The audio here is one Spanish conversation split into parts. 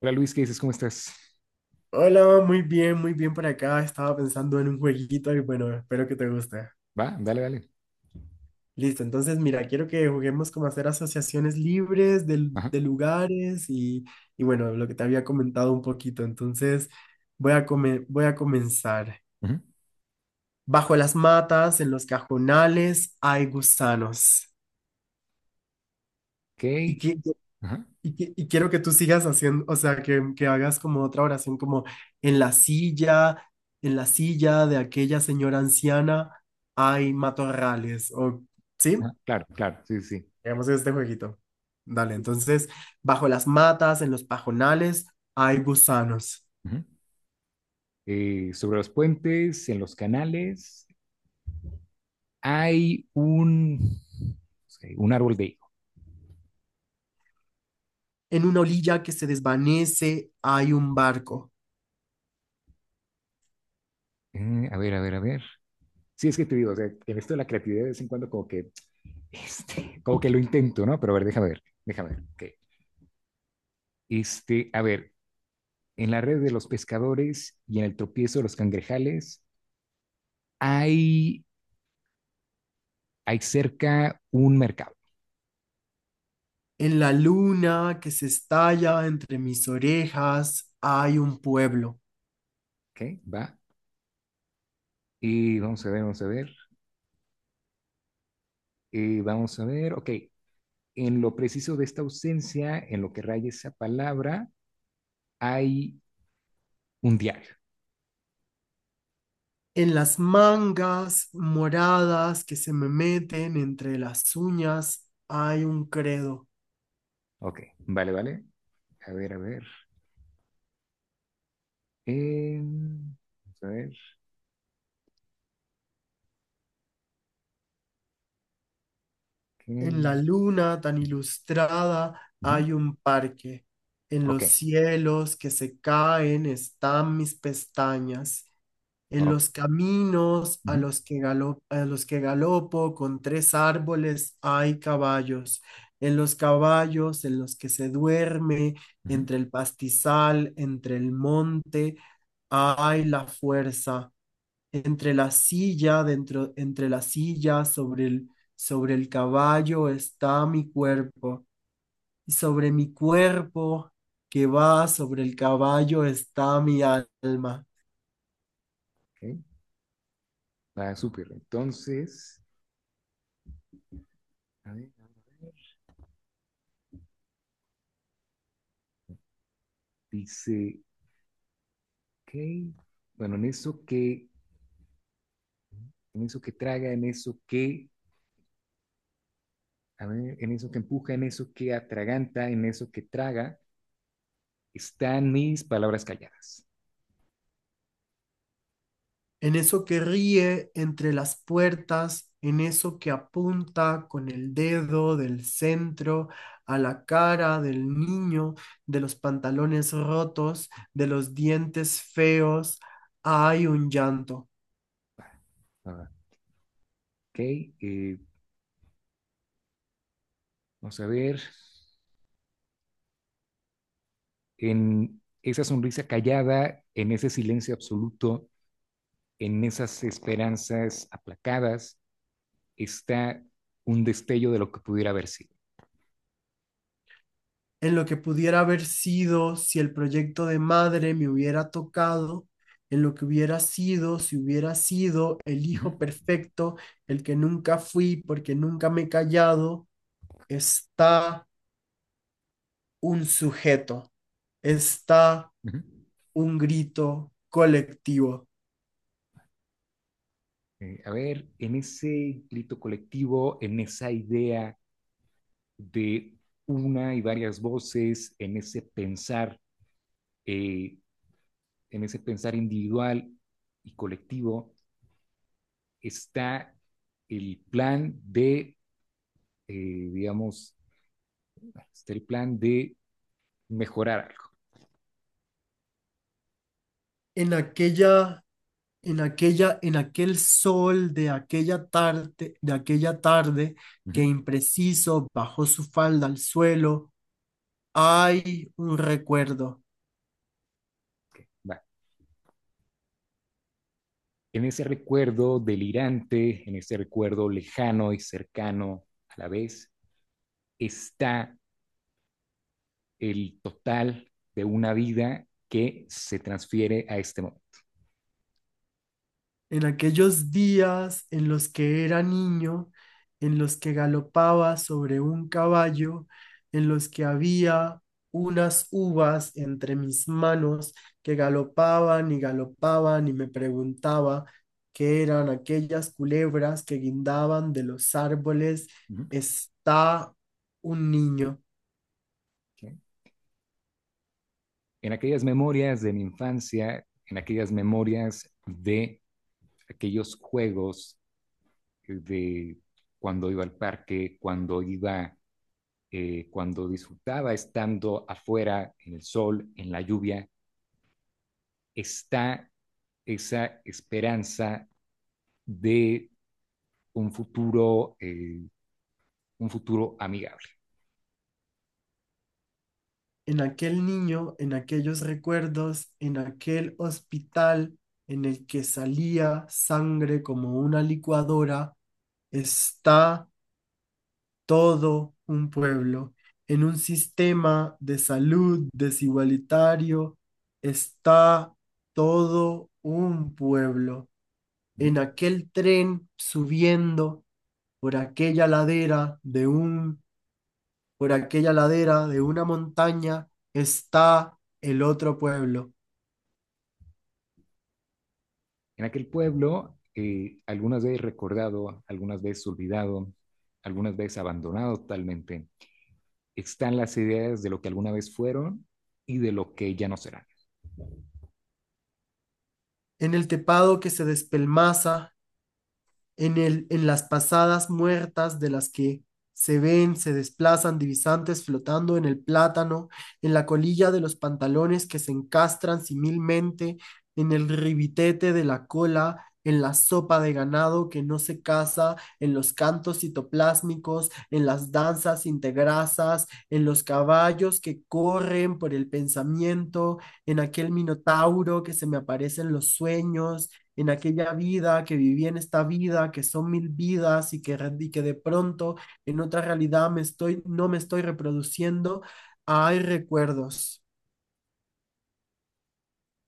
Hola Luis, ¿qué dices? ¿Cómo estás? Hola, muy bien por acá. Estaba pensando en un jueguito y bueno, espero que te guste. Va, dale, dale. Listo, entonces mira, quiero que juguemos como hacer asociaciones libres de, Ajá. de lugares y bueno, lo que te había comentado un poquito. Entonces voy a comenzar. Ujú. Bajo las matas, en los cajonales, hay gusanos. Ok. Ajá. Y quiero que tú sigas haciendo, o sea, que hagas como otra oración, como en la silla, en la silla de aquella señora anciana hay matorrales, o, ¿sí? Ajá, claro, claro, sí, sí. Sí, Hagamos este jueguito. Dale, entonces, bajo las matas, en los pajonales, hay gusanos. ujú. Sobre los puentes, en los canales, hay un, sí, un árbol de higo. En una orilla que se desvanece, hay un barco. A ver, a ver, a ver. Sí, es que te digo, o sea, en esto de la creatividad de vez en cuando como que, este, como que lo intento, ¿no? Pero a ver, déjame ver, déjame ver. Ok. Este, a ver, en la red de los pescadores y en el tropiezo de los cangrejales hay, hay cerca un mercado. En la luna que se estalla entre mis orejas, hay un pueblo. Ok, va. Y vamos a ver, vamos a ver. Y vamos a ver, ok. En lo preciso de esta ausencia, en lo que raya esa palabra, hay un diario. En las mangas moradas que se me meten entre las uñas hay un credo. Ok, vale, vale. A ver, a ver. Vamos a ver. ¿Qué? En la luna tan ilustrada hay un parque. En Ok, los cielos que se caen están mis pestañas. En ok. los caminos Ujú, a los que galopo con tres árboles hay caballos. En los caballos en los que se duerme, ujú, entre el pastizal, entre el monte, ay, la fuerza entre la silla, dentro, entre la silla, sobre el caballo está mi cuerpo, y sobre mi cuerpo que va sobre el caballo está mi alma. ok. Va, súper. Entonces, a ver, dice, ok. Bueno, en eso que traga, en eso que empuja, en eso que atraganta, en eso que traga, están mis palabras calladas. En eso que ríe entre las puertas, en eso que apunta con el dedo del centro a la cara del niño, de los pantalones rotos, de los dientes feos, hay un llanto. Ah, ok, eh, vamos a ver, en esa sonrisa callada, en ese silencio absoluto, en esas esperanzas aplacadas, está un destello de lo que pudiera haber sido. En lo que pudiera haber sido si el proyecto de madre me hubiera tocado, en lo que hubiera sido si hubiera sido el Uh -huh. hijo perfecto, el que nunca fui porque nunca me he callado, está un sujeto, está Uh -huh. un grito colectivo. A ver, en ese grito colectivo, en esa idea de una y varias voces, eh, en ese pensar individual y colectivo, está el plan de, eh, digamos, está el plan de mejorar algo. En aquella, en en aquel sol de aquella tarde Uh que -huh. impreciso bajó su falda al suelo, hay un recuerdo. Vale. En ese recuerdo delirante, en ese recuerdo lejano y cercano a la vez, está el total de una vida que se transfiere a este momento. En aquellos días en los que era niño, en los que galopaba sobre un caballo, en los que había unas uvas entre mis manos que galopaban y galopaban y me preguntaba qué eran aquellas culebras que guindaban de los árboles, Uh -huh. está un niño. ¿Okay? En aquellas memorias de mi infancia, en aquellas memorias de aquellos juegos de cuando iba al parque, cuando iba, cuando disfrutaba estando afuera, en el sol, en la lluvia, está esa esperanza de un futuro, eh, un futuro amigable. En aquel niño, en aquellos recuerdos, en aquel hospital en el que salía sangre como una licuadora, está todo un pueblo. En un sistema de salud desigualitario está todo un pueblo. Uh -huh. En aquel tren subiendo por aquella ladera de un, por aquella ladera de una montaña está el otro pueblo. En aquel pueblo, algunas veces recordado, algunas veces olvidado, algunas veces abandonado totalmente, están las ideas de lo que alguna vez fueron y de lo que ya no serán. En el tepado que se despelmaza, en las pasadas muertas de las que se ven, se desplazan divisantes flotando en el plátano, en la colilla de los pantalones que se encastran similmente, en el ribitete de la cola, en la sopa de ganado que no se casa, en los cantos citoplásmicos, en las danzas integrasas, en los caballos que corren por el pensamiento, en aquel minotauro que se me aparece en los sueños, en aquella vida, que viví en esta vida, que son mil vidas y y que de pronto en otra realidad no me estoy reproduciendo, hay recuerdos.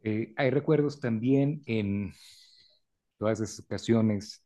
Hay recuerdos también en todas esas ocasiones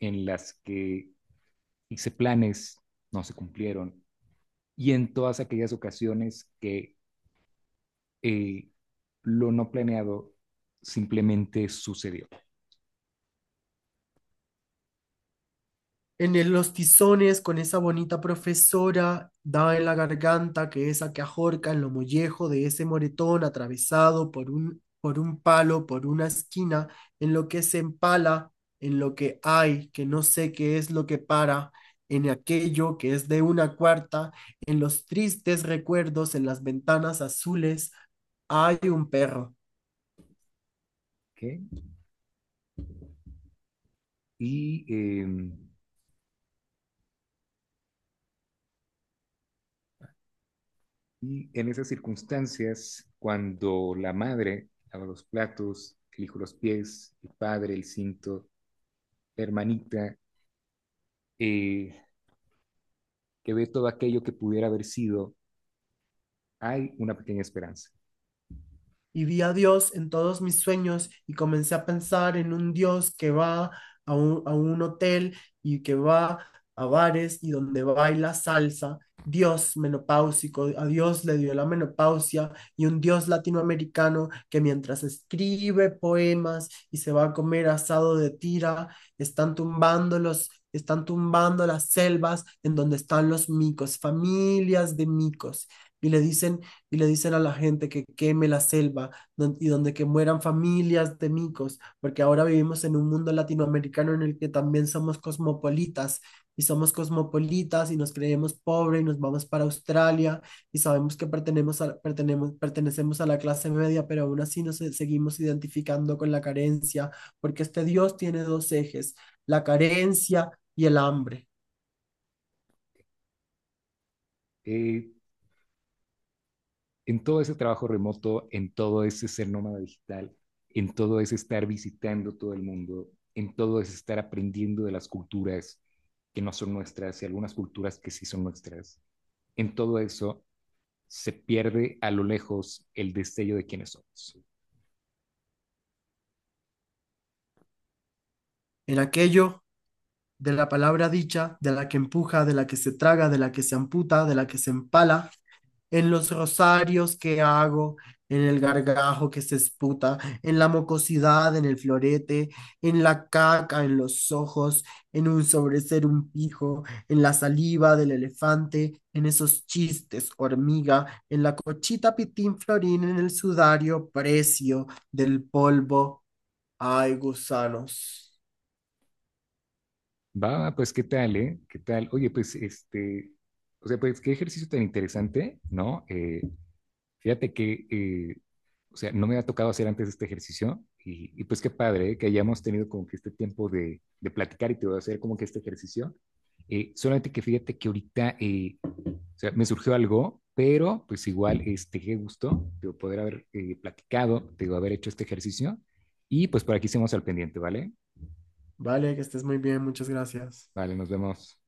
en las que hice planes, no se cumplieron, y en todas aquellas ocasiones que eh, lo no planeado simplemente sucedió. Los tizones con esa bonita profesora, daba en la garganta, que esa que ajorca en lo mollejo de ese moretón atravesado por un palo, por una esquina, en lo que se empala, en lo que hay, que no sé qué es lo que para, en aquello que es de una cuarta, en los tristes recuerdos, en las ventanas azules, hay un perro. ¿Okay? Y, eh, y, en esas circunstancias, cuando la madre lava los platos, elijo los pies, el padre, el cinto, la hermanita, eh, que ve todo aquello que pudiera haber sido, hay una pequeña esperanza. Y vi a Dios en todos mis sueños y comencé a pensar en un Dios que va a un hotel y que va a bares y donde baila salsa. Dios menopáusico, a Dios le dio la menopausia y un Dios latinoamericano que mientras escribe poemas y se va a comer asado de tira, están están tumbando las selvas en donde están los micos, familias de micos, y le dicen y le dicen a la gente que queme la selva y donde que mueran familias de micos, porque ahora vivimos en un mundo latinoamericano en el que también somos cosmopolitas y nos creemos pobres y nos vamos para Australia y sabemos que pertenecemos a la clase media, pero aún así nos seguimos identificando con la carencia, porque este Dios tiene dos ejes, la carencia y el hambre. Eh, en todo ese trabajo remoto, en todo ese ser nómada digital, en todo ese estar visitando todo el mundo, en todo ese estar aprendiendo de las culturas que no son nuestras y algunas culturas que sí son nuestras, en todo eso se pierde a lo lejos el destello de quiénes somos. En aquello de la palabra dicha, de la que empuja, de la que se traga, de la que se amputa, de la que se empala, en los rosarios que hago, en el gargajo que se esputa, en la mocosidad, en el florete, en la caca, en los ojos, en un sobreser un pijo, en la saliva del elefante, en esos chistes, hormiga, en la cochita pitín florín, en el sudario precio del polvo. Ay, gusanos. Va, pues qué tal, ¿eh? ¿Qué tal? Oye, pues este, o sea, pues qué ejercicio tan interesante, ¿no? Fíjate que o sea, no me ha tocado hacer antes este ejercicio y pues qué padre, ¿eh?, que hayamos tenido como que este tiempo de platicar y te voy a hacer como que este ejercicio. Solamente que fíjate que ahorita o sea, me surgió algo, pero pues igual, este, qué gusto de poder haber platicado, de haber hecho este ejercicio. Y pues por aquí seguimos al pendiente, ¿vale? Vale, que estés muy bien, muchas gracias. Vale, nos vemos.